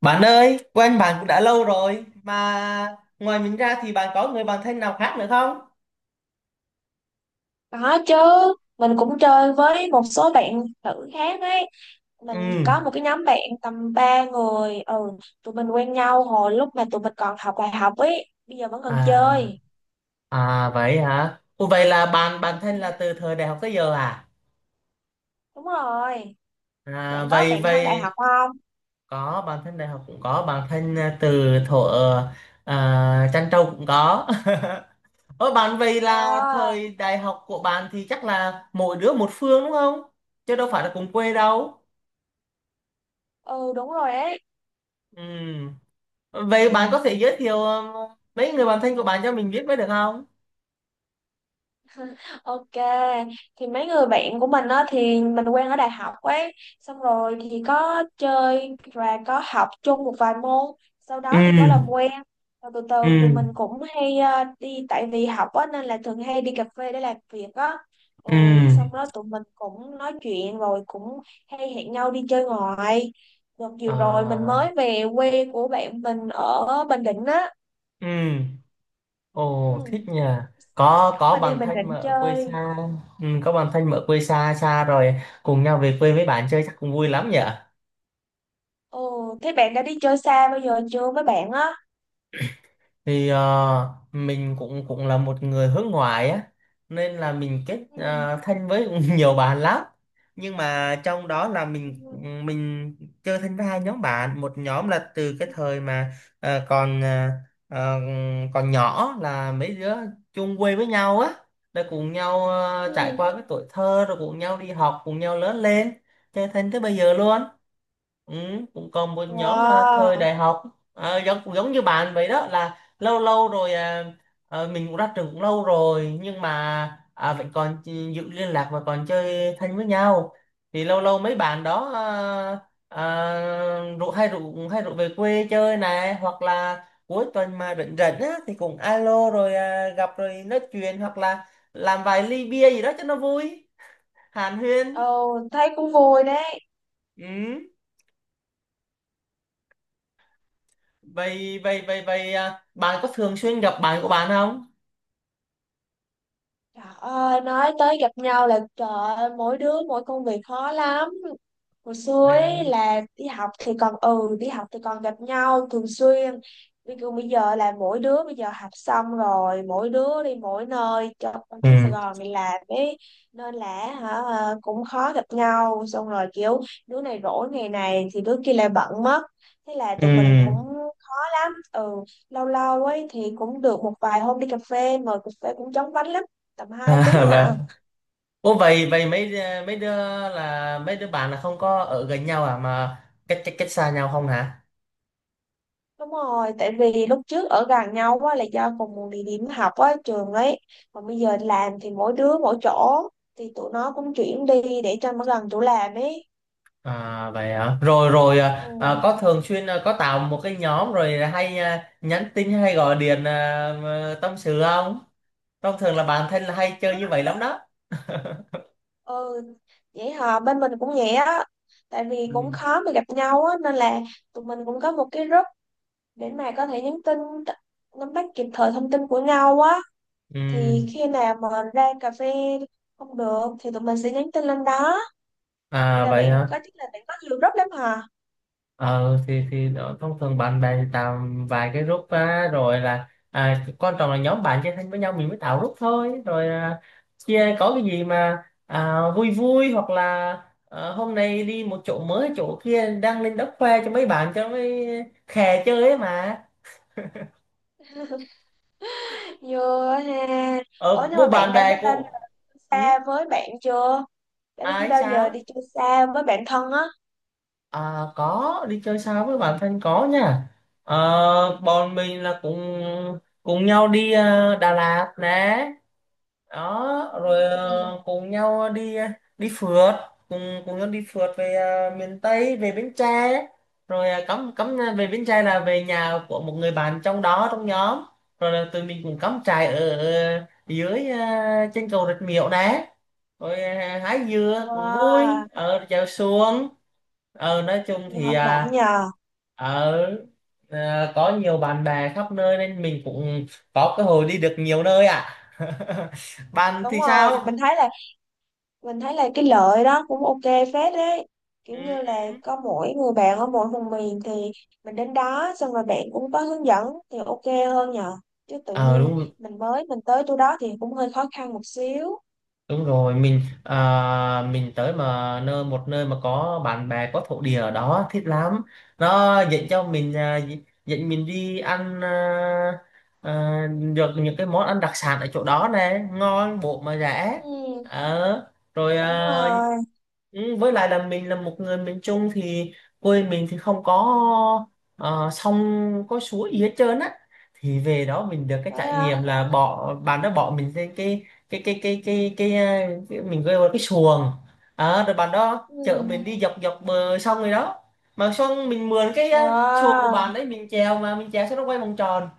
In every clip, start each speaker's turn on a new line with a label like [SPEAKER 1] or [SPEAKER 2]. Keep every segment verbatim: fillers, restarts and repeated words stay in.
[SPEAKER 1] Bạn ơi, quen bạn cũng đã lâu rồi mà ngoài mình ra thì bạn có người bạn thân nào khác nữa không?
[SPEAKER 2] Có chứ, mình cũng chơi với một số bạn nữ khác ấy. Mình
[SPEAKER 1] Ừ.
[SPEAKER 2] có một cái nhóm bạn tầm ba người, ừ, tụi mình quen nhau hồi lúc mà tụi mình còn học đại học ấy, bây giờ vẫn còn
[SPEAKER 1] À,
[SPEAKER 2] chơi.
[SPEAKER 1] à vậy hả? Ủa, vậy là bạn
[SPEAKER 2] Ừ,
[SPEAKER 1] bạn thân là từ thời đại học tới giờ à?
[SPEAKER 2] đúng rồi,
[SPEAKER 1] À
[SPEAKER 2] bạn có
[SPEAKER 1] vậy
[SPEAKER 2] bạn thân đại
[SPEAKER 1] vậy
[SPEAKER 2] học không?
[SPEAKER 1] có bạn thân đại học cũng có bạn thân à, từ thuở à, Trăn Trâu cũng có. Ủa bạn, vậy là
[SPEAKER 2] Wow,
[SPEAKER 1] thời đại học của bạn thì chắc là mỗi đứa một phương đúng không? Chứ đâu phải là cùng quê đâu.
[SPEAKER 2] ừ đúng rồi ấy.
[SPEAKER 1] Ừ. Vậy bạn có thể giới thiệu ờ, mấy người bạn thân của bạn cho mình biết mới được không?
[SPEAKER 2] Ok, thì mấy người bạn của mình á thì mình quen ở đại học ấy, xong rồi thì có chơi và có học chung một vài môn, sau
[SPEAKER 1] Ừ,
[SPEAKER 2] đó thì có làm quen. Rồi từ từ tụi
[SPEAKER 1] ừ,
[SPEAKER 2] mình cũng hay ờ, đi tại vì học á nên là thường hay đi cà phê để làm việc á. Ừ,
[SPEAKER 1] ừ.
[SPEAKER 2] xong đó tụi mình cũng nói chuyện rồi cũng hay hẹn nhau đi chơi ngoài. Đợt vừa rồi mình
[SPEAKER 1] À,
[SPEAKER 2] mới về quê của bạn mình ở Bình Định á.
[SPEAKER 1] ừ, ồ
[SPEAKER 2] Ừ,
[SPEAKER 1] thích nhỉ. Có
[SPEAKER 2] dẫn
[SPEAKER 1] có
[SPEAKER 2] mình đi
[SPEAKER 1] bạn
[SPEAKER 2] Bình
[SPEAKER 1] thân mà
[SPEAKER 2] Định
[SPEAKER 1] ở quê
[SPEAKER 2] chơi.
[SPEAKER 1] xa, ừ, có bạn thân mà ở quê xa xa rồi cùng nhau về quê với bạn chơi chắc cũng vui lắm nhỉ.
[SPEAKER 2] Ồ, thế bạn đã đi chơi xa bao giờ chưa với bạn á?
[SPEAKER 1] Thì ờ, mình cũng cũng là một người hướng ngoại á, nên là mình kết
[SPEAKER 2] Ừ.
[SPEAKER 1] ờ, thân với nhiều bạn lắm, nhưng mà trong đó là mình
[SPEAKER 2] Ừ.
[SPEAKER 1] mình chơi thân với hai nhóm bạn. Một nhóm là từ cái thời mà ờ, còn ờ, ờ, còn nhỏ, là mấy đứa chung quê với nhau á, rồi cùng nhau ờ, trải
[SPEAKER 2] Ừ.
[SPEAKER 1] qua cái tuổi thơ, rồi cùng nhau đi học, cùng nhau lớn lên, chơi thân tới bây giờ luôn. Ừ, cũng còn một nhóm là thời
[SPEAKER 2] Wow.
[SPEAKER 1] đại học. Ờ, giống giống như bạn vậy đó, là lâu lâu rồi à, ờ, mình cũng ra trường cũng lâu rồi, nhưng mà à, vẫn còn chi- giữ liên lạc và còn chơi thân với nhau. Thì lâu lâu mấy bạn đó à, à, rủ hay rủ hay rủ về quê chơi này, hoặc là cuối tuần mà rảnh rảnh á thì cũng alo rồi à, gặp rồi nói chuyện, hoặc là làm vài ly bia gì đó cho nó vui, hàn huyên.
[SPEAKER 2] Ồ, thấy cũng vui đấy.
[SPEAKER 1] Ừ. vậy vậy vậy vậy à, bạn có thường xuyên gặp bạn của bạn không?
[SPEAKER 2] Trời ơi, nói tới gặp nhau là trời ơi, mỗi đứa mỗi công việc khó lắm. Hồi xưa
[SPEAKER 1] Vậy
[SPEAKER 2] ấy
[SPEAKER 1] à.
[SPEAKER 2] là đi học thì còn ừ đi học thì còn gặp nhau thường xuyên. Bây giờ bây giờ là mỗi đứa bây giờ học xong rồi mỗi đứa đi mỗi nơi trong cái Sài
[SPEAKER 1] Ừ,
[SPEAKER 2] Gòn này làm ấy, nên là hả ờ, cũng khó gặp nhau, xong rồi kiểu đứa này rỗi ngày này thì đứa kia lại bận mất, thế là
[SPEAKER 1] ừ.
[SPEAKER 2] tụi mình cũng khó lắm. Ừ, lâu lâu ấy thì cũng được một vài hôm đi cà phê, mời cà phê cũng chóng vánh lắm, tầm hai tiếng
[SPEAKER 1] À,
[SPEAKER 2] hả.
[SPEAKER 1] vâng. Ủa vậy vậy mấy ờ, mấy đứa, là mấy đứa bạn là không có ở gần nhau à, mà cách cách cách xa nhau không hả?
[SPEAKER 2] Đúng rồi, tại vì lúc trước ở gần nhau quá là do cùng một địa điểm học á, trường ấy. Còn bây giờ làm thì mỗi đứa mỗi chỗ, thì tụi nó cũng chuyển đi để cho nó gần chỗ làm ấy.
[SPEAKER 1] À vậy hả? Rồi rồi
[SPEAKER 2] Ừ,
[SPEAKER 1] à, à, có thường xuyên à, có tạo một cái nhóm rồi hay à, nhắn tin hay gọi điện à, mà tâm sự không? Thông thường là bạn thân là hay chơi như vậy lắm đó.
[SPEAKER 2] ừ. Vậy hả, bên mình cũng vậy á. Tại vì cũng
[SPEAKER 1] Ừ.
[SPEAKER 2] khó mà gặp nhau á, nên là tụi mình cũng có một cái group để mà có thể nhắn tin, t- nắm bắt kịp thời thông tin của nhau á.
[SPEAKER 1] Ừ.
[SPEAKER 2] Thì khi nào mà ra cà phê không được thì tụi mình sẽ nhắn tin lên đó. Vậy
[SPEAKER 1] À
[SPEAKER 2] là
[SPEAKER 1] vậy
[SPEAKER 2] bạn
[SPEAKER 1] hả?
[SPEAKER 2] có chắc là bạn có nhiều group lắm hả?
[SPEAKER 1] ờ thì thì đó, thông thường bạn bè thì tạo vài cái group á, rồi là à, quan trọng là nhóm bạn chơi thân với nhau mình mới tạo group thôi. Rồi à, chia có cái gì mà à, vui vui, hoặc là ờ, hôm nay đi một chỗ mới, chỗ kia đăng lên đất khoe cho mấy bạn, cho mấy khè chơi ấy mà.
[SPEAKER 2] Vừa ha. Ủa
[SPEAKER 1] Ờ
[SPEAKER 2] nhưng mà
[SPEAKER 1] bố
[SPEAKER 2] bạn
[SPEAKER 1] bạn
[SPEAKER 2] đã đi
[SPEAKER 1] bè
[SPEAKER 2] bao
[SPEAKER 1] của
[SPEAKER 2] giờ
[SPEAKER 1] ừ,
[SPEAKER 2] xa với bạn chưa? Đã đi
[SPEAKER 1] ai
[SPEAKER 2] bao giờ
[SPEAKER 1] sao
[SPEAKER 2] đi chơi xa với bạn thân á?
[SPEAKER 1] à, có đi chơi sao với bạn thân có nha. Ờ, bọn mình là cùng cùng nhau đi ờ, Đà Lạt nè, đó rồi
[SPEAKER 2] Ừm.
[SPEAKER 1] ờ, cùng nhau đi ờ, đi phượt, cùng cùng nhau đi phượt về ờ, miền Tây, về Bến Tre. Rồi ờ, cắm cắm ờ, về Bến Tre là về nhà của một người bạn trong đó, trong nhóm. Rồi là tụi mình cùng cắm trại ở ờ, dưới ờ, trên cầu Rạch Miễu đấy. Rồi ờ, hái dừa cũng vui,
[SPEAKER 2] Wow,
[SPEAKER 1] ở chèo xuồng. Ờ, nói chung
[SPEAKER 2] nhiều
[SPEAKER 1] thì
[SPEAKER 2] hoạt động
[SPEAKER 1] à,
[SPEAKER 2] nhờ.
[SPEAKER 1] ở à, có nhiều bạn bè khắp nơi nên mình cũng có cơ hội đi được nhiều nơi ạ. Bạn
[SPEAKER 2] Đúng
[SPEAKER 1] thì
[SPEAKER 2] rồi,
[SPEAKER 1] sao?
[SPEAKER 2] mình thấy là mình thấy là cái lợi đó cũng ok phết đấy. Kiểu
[SPEAKER 1] Ừ,
[SPEAKER 2] như là
[SPEAKER 1] ừ.
[SPEAKER 2] có mỗi người bạn ở mỗi vùng miền thì mình đến đó xong rồi bạn cũng có hướng dẫn thì ok hơn nhờ. Chứ tự
[SPEAKER 1] Ờ
[SPEAKER 2] nhiên
[SPEAKER 1] đúng,
[SPEAKER 2] mình mới mình tới chỗ đó thì cũng hơi khó khăn một xíu.
[SPEAKER 1] đúng rồi, mình à, mình tới mà nơi một nơi mà có bạn bè, có thổ địa ở đó thích lắm. Nó dẫn cho mình à, dẫn mình đi ăn à, à, được những cái món ăn đặc sản ở chỗ đó này, ngon bộ mà rẻ.
[SPEAKER 2] Ừ,
[SPEAKER 1] Ờ, rồi
[SPEAKER 2] đúng
[SPEAKER 1] à,
[SPEAKER 2] rồi.
[SPEAKER 1] ừ, với lại là mình là một người miền Trung thì quê mình thì không có ờ, sông, có suối gì hết trơn á. Thì về đó mình được cái trải
[SPEAKER 2] Đó.
[SPEAKER 1] nghiệm là bỏ bạn đó bỏ mình lên cái cái cái cái cái cái, ờ, cái mình gọi là cái xuồng. Ờ, rồi bạn đó chở
[SPEAKER 2] Ừ.
[SPEAKER 1] mình đi dọc dọc bờ sông rồi đó. Mà xong mình mượn cái ờ, xuồng của
[SPEAKER 2] Wow,
[SPEAKER 1] bạn đấy, mình chèo, mà mình chèo xong nó quay vòng tròn.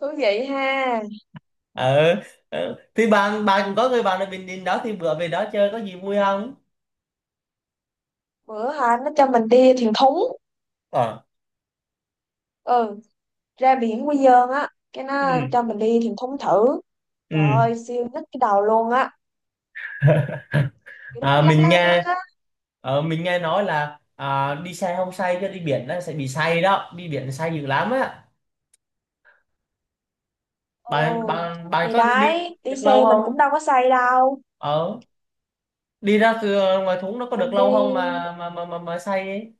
[SPEAKER 2] thú vị ha.
[SPEAKER 1] Ờ, ờ. Thì bạn bạn cũng có người bạn ở Bình Định đó, thì bữa về đó chơi có gì vui không?
[SPEAKER 2] Bữa hả nó cho mình đi thuyền thúng.
[SPEAKER 1] Ờ.
[SPEAKER 2] Ừ, ra biển Quy Nhơn á, cái nó
[SPEAKER 1] Ừ,
[SPEAKER 2] cho mình đi thuyền thúng thử.
[SPEAKER 1] ừ.
[SPEAKER 2] Trời ơi, siêu nít cái đầu luôn á. Kiểu nó cứ
[SPEAKER 1] À,
[SPEAKER 2] lắc
[SPEAKER 1] mình
[SPEAKER 2] lắc lắc lắc
[SPEAKER 1] nghe
[SPEAKER 2] á.
[SPEAKER 1] ờ, mình nghe nói là à, đi xe không say, chứ đi biển là sẽ bị say đó, đi biển say dữ lắm á. bạn
[SPEAKER 2] Ồ,
[SPEAKER 1] bạn bạn
[SPEAKER 2] thì
[SPEAKER 1] có đi, đi
[SPEAKER 2] đấy, đi
[SPEAKER 1] được lâu
[SPEAKER 2] xe mình cũng
[SPEAKER 1] không,
[SPEAKER 2] đâu có say đâu.
[SPEAKER 1] ờ, đi ra cửa ngoài thúng nó có được
[SPEAKER 2] Mình
[SPEAKER 1] lâu
[SPEAKER 2] đi
[SPEAKER 1] không mà mà mà mà, mà, say ấy?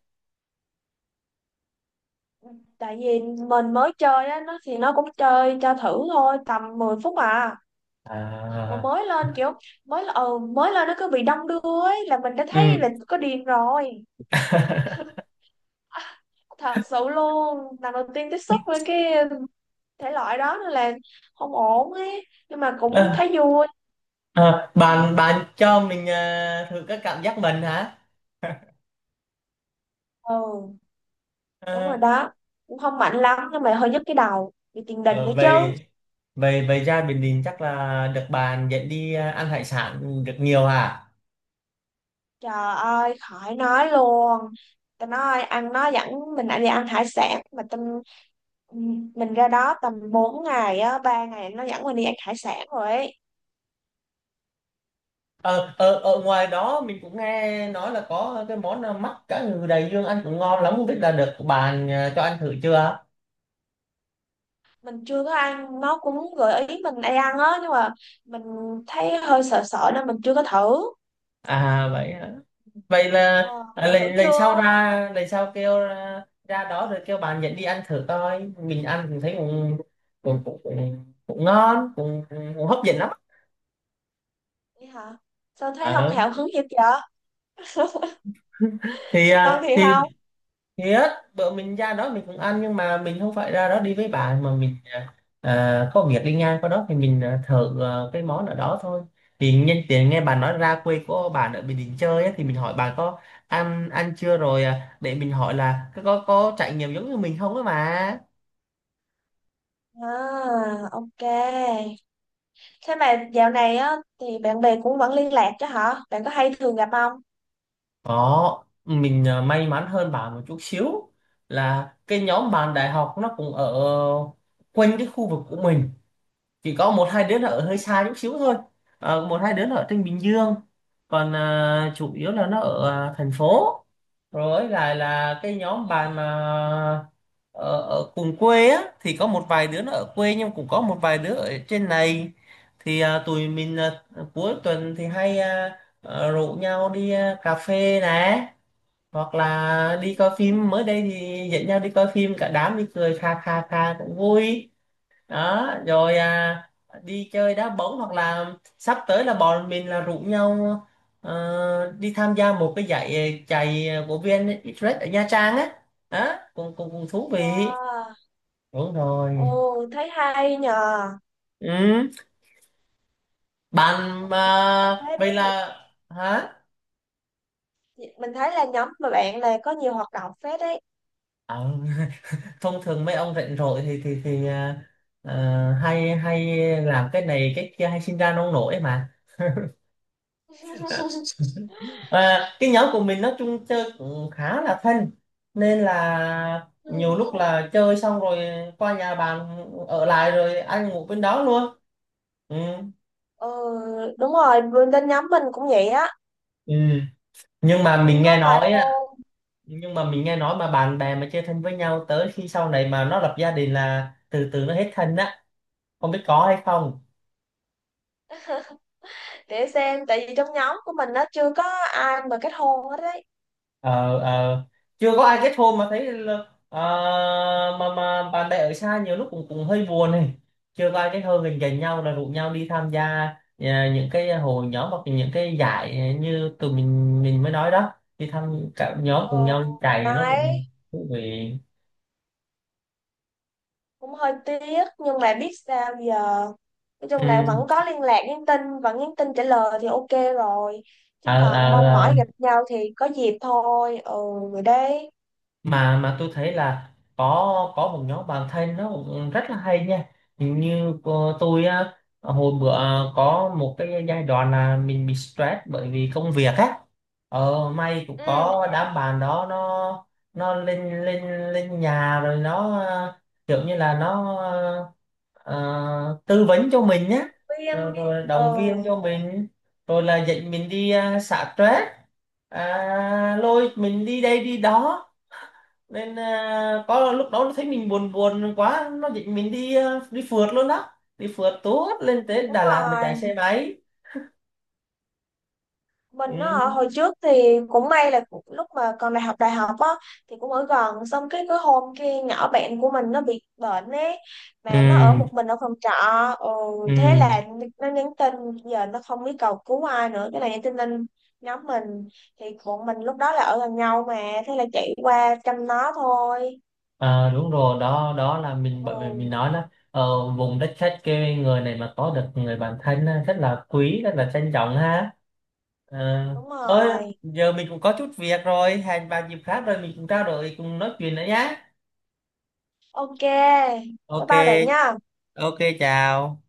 [SPEAKER 2] tại vì mình mới chơi á, nó thì nó cũng chơi cho thử thôi, tầm mười phút à. Mà
[SPEAKER 1] À,
[SPEAKER 2] mới lên kiểu mới ừ, mới lên nó cứ bị đông đưa ấy là mình đã thấy là
[SPEAKER 1] ừ.
[SPEAKER 2] có điên rồi. Thật sự luôn, lần đầu tiên tiếp xúc với cái thể loại đó nên là không ổn ấy, nhưng mà cũng
[SPEAKER 1] Ờ,
[SPEAKER 2] thấy vui.
[SPEAKER 1] ờ,
[SPEAKER 2] Ừ,
[SPEAKER 1] bạn bạn cho mình ờ, thử các cảm giác mình hả?
[SPEAKER 2] ừ, đúng
[SPEAKER 1] Ờ,
[SPEAKER 2] rồi đó, cũng không mạnh lắm nhưng mà hơi nhức cái đầu, bị tiền đình nữa
[SPEAKER 1] ờ, về
[SPEAKER 2] chứ.
[SPEAKER 1] về về ra Bình Định chắc là được bạn dẫn đi ờ, ăn hải sản được nhiều hả?
[SPEAKER 2] Trời ơi, khỏi nói luôn. Tao nói ăn, nó dẫn mình lại đi ăn hải sản mà tâm, mình ra đó tầm bốn ngày á, ba ngày nó dẫn mình đi ăn hải sản rồi ấy.
[SPEAKER 1] Ờ, ờ, ở ngoài đó mình cũng nghe nói là có cái món là mắt cá ngừ đầy dương, ăn cũng ngon lắm, không biết là được bạn à, cho ăn thử chưa?
[SPEAKER 2] Mình chưa có ăn, nó cũng gợi ý mình hay ăn á nhưng mà mình thấy hơi sợ sợ nên mình chưa có thử.
[SPEAKER 1] À vậy hả? Vậy là
[SPEAKER 2] Ờ,
[SPEAKER 1] à,
[SPEAKER 2] bạn thử
[SPEAKER 1] lần lần sau
[SPEAKER 2] chưa?
[SPEAKER 1] ra lần sau kêu ra, ra đó rồi kêu bạn dẫn đi ăn thử coi, mình ăn cũng thấy cũng cũng cũng, cũng, cũng ngon, cũng, cũng hấp dẫn lắm.
[SPEAKER 2] Vậy hả, sao thấy không
[SPEAKER 1] Ờ.
[SPEAKER 2] hào hứng gì vậy?
[SPEAKER 1] Thì
[SPEAKER 2] Ngon
[SPEAKER 1] à,
[SPEAKER 2] thiệt
[SPEAKER 1] thì
[SPEAKER 2] không?
[SPEAKER 1] thiệt, bữa mình ra đó mình cũng ăn nhưng mà mình không phải ra đó đi với bạn, mà mình à, có việc đi ngang qua đó thì mình à, thử à, cái món ở đó thôi. Thì nhân tiện nghe bạn nói ra quê của bạn ở Bình Định chơi á, thì mình hỏi bạn có ăn ăn chưa rồi à, để mình hỏi là có có có trải nghiệm giống như mình không á mà.
[SPEAKER 2] À, ok, thế mà dạo này á thì bạn bè cũng vẫn liên lạc chứ hả, bạn có hay thường gặp không?
[SPEAKER 1] Có, mình à, may mắn hơn bạn một chút xíu, là cái nhóm bạn đại học nó cũng ở quanh cái khu vực của mình, chỉ có một hai
[SPEAKER 2] Ừ.
[SPEAKER 1] đứa nó ở hơi xa chút xíu thôi. Ờ, một hai đứa nó ở trên Bình Dương, còn à, chủ yếu là nó ở à, thành phố. Rồi là là cái
[SPEAKER 2] Ừ,
[SPEAKER 1] nhóm bạn mà ở, ở cùng quê á thì có một vài đứa nó ở quê, nhưng cũng có một vài đứa ở trên này. Thì à, tụi mình à, cuối tuần thì hay à, à, rủ nhau đi à, cà phê nè, hoặc là đi coi
[SPEAKER 2] ừ.
[SPEAKER 1] phim. Mới đây thì dẫn nhau đi coi phim cả đám, đi cười kha kha kha cũng vui. Đó rồi à, đi chơi đá bóng, hoặc là sắp tới là bọn mình là rủ nhau ờ, đi tham gia một cái giải ờ, chạy của vi en Express ở Nha Trang á. Đó cũng cũng cũng thú vị,
[SPEAKER 2] Wow.
[SPEAKER 1] đúng rồi.
[SPEAKER 2] Ồ thấy hay nhờ.
[SPEAKER 1] Ừ. Bạn
[SPEAKER 2] Học nhiều hoạt động
[SPEAKER 1] mà
[SPEAKER 2] phết
[SPEAKER 1] vậy
[SPEAKER 2] đi,
[SPEAKER 1] là hả?
[SPEAKER 2] mình thấy là nhóm mà bạn này có nhiều hoạt động phết đấy.
[SPEAKER 1] Ờ, thông thường mấy ông rảnh rỗi thì thì thì à, ờ, hay hay làm cái này cái kia, hay sinh ra nông nổi mà. Và cái nhóm của mình nói chung chơi cũng khá là thân, nên là
[SPEAKER 2] Ừ.
[SPEAKER 1] nhiều lúc là chơi xong rồi qua nhà bạn ở lại rồi ăn ngủ bên đó luôn. Ừ.
[SPEAKER 2] Ừ, đúng rồi, bên bên nhóm mình cũng vậy á,
[SPEAKER 1] Ừ. Nhưng mà mình
[SPEAKER 2] cũng
[SPEAKER 1] nghe
[SPEAKER 2] có vài
[SPEAKER 1] nói á,
[SPEAKER 2] hôn.
[SPEAKER 1] nhưng mà mình nghe nói mà bạn bè mà chơi thân với nhau, tới khi sau này mà nó lập gia đình là từ từ nó hết thân á, không biết có hay không?
[SPEAKER 2] Để xem, tại vì trong nhóm của mình nó chưa có ai mà kết hôn hết đấy.
[SPEAKER 1] Ờ, ờ, chưa có ai kết hôn mà thấy là, à, mà mà bạn bè ở xa nhiều lúc cũng cũng hơi buồn này. Chưa có ai kết hôn, gần gần nhau là rủ nhau đi tham gia à, những cái hội nhóm, hoặc những cái giải như tụi mình mình mới nói đó, đi thăm cả nhóm cùng
[SPEAKER 2] Ờ
[SPEAKER 1] nhau đi chạy nó
[SPEAKER 2] đấy,
[SPEAKER 1] cũng thú vị.
[SPEAKER 2] cũng hơi tiếc nhưng mà biết sao giờ. Nói
[SPEAKER 1] Ừ.
[SPEAKER 2] chung là vẫn có liên lạc nhắn tin, vẫn nhắn tin trả lời thì ok rồi. Chứ còn mong
[SPEAKER 1] À,
[SPEAKER 2] mỏi gặp nhau thì có dịp thôi. Ừ, rồi đấy.
[SPEAKER 1] mà mà tôi thấy là có có một nhóm bạn thân nó cũng rất là hay nha. Hình như cô- tôi á, hồi bữa à, có một cái giai đoạn là mình bị stress bởi vì công việc á. Ờ may cũng
[SPEAKER 2] Ừ,
[SPEAKER 1] có đám bạn đó, nó nó lên lên lên nhà, rồi nó ờ, kiểu như là nó ờ, tư vấn cho mình nhé, rồi,
[SPEAKER 2] viên.
[SPEAKER 1] rồi động viên
[SPEAKER 2] Ừ,
[SPEAKER 1] cho mình, rồi là dạy mình đi uh, xả stress à, lôi mình đi đây đi đó. Nên à, có lúc đó nó thấy mình buồn buồn quá, nó định mình đi à, đi phượt luôn đó, đi phượt tuốt lên tới
[SPEAKER 2] đúng
[SPEAKER 1] Đà Lạt mà chạy
[SPEAKER 2] rồi,
[SPEAKER 1] xe máy.
[SPEAKER 2] mình á
[SPEAKER 1] Ừ.
[SPEAKER 2] hồi trước thì cũng may là cũng- lúc mà còn đại học đại học á thì cũng ở gần, xong cái cái hôm kia nhỏ bạn của mình nó bị bệnh ấy, mà nó ở
[SPEAKER 1] Ừ.
[SPEAKER 2] một mình ở phòng trọ. Ừ,
[SPEAKER 1] Ừ.
[SPEAKER 2] thế là nó nhắn tin, giờ nó không biết cầu cứu ai nữa, cái này nhắn tin lên nhóm mình, thì bọn mình lúc đó là ở gần nhau mà, thế là chạy qua chăm nó thôi.
[SPEAKER 1] À, đúng rồi đó, đó là mình bởi vì mình
[SPEAKER 2] Ừ,
[SPEAKER 1] nói là ờ, vùng đất khách quê người này mà có được người bạn thân á, rất là quý, rất là trân trọng ha. Ờ,
[SPEAKER 2] đúng
[SPEAKER 1] thôi
[SPEAKER 2] rồi.
[SPEAKER 1] giờ mình cũng có chút việc rồi, hẹn vào dịp khác rồi mình cũng trao đổi cùng nói chuyện nữa nhé.
[SPEAKER 2] Ok, bye
[SPEAKER 1] Ok.
[SPEAKER 2] bye bạn nha.
[SPEAKER 1] Ok, chào.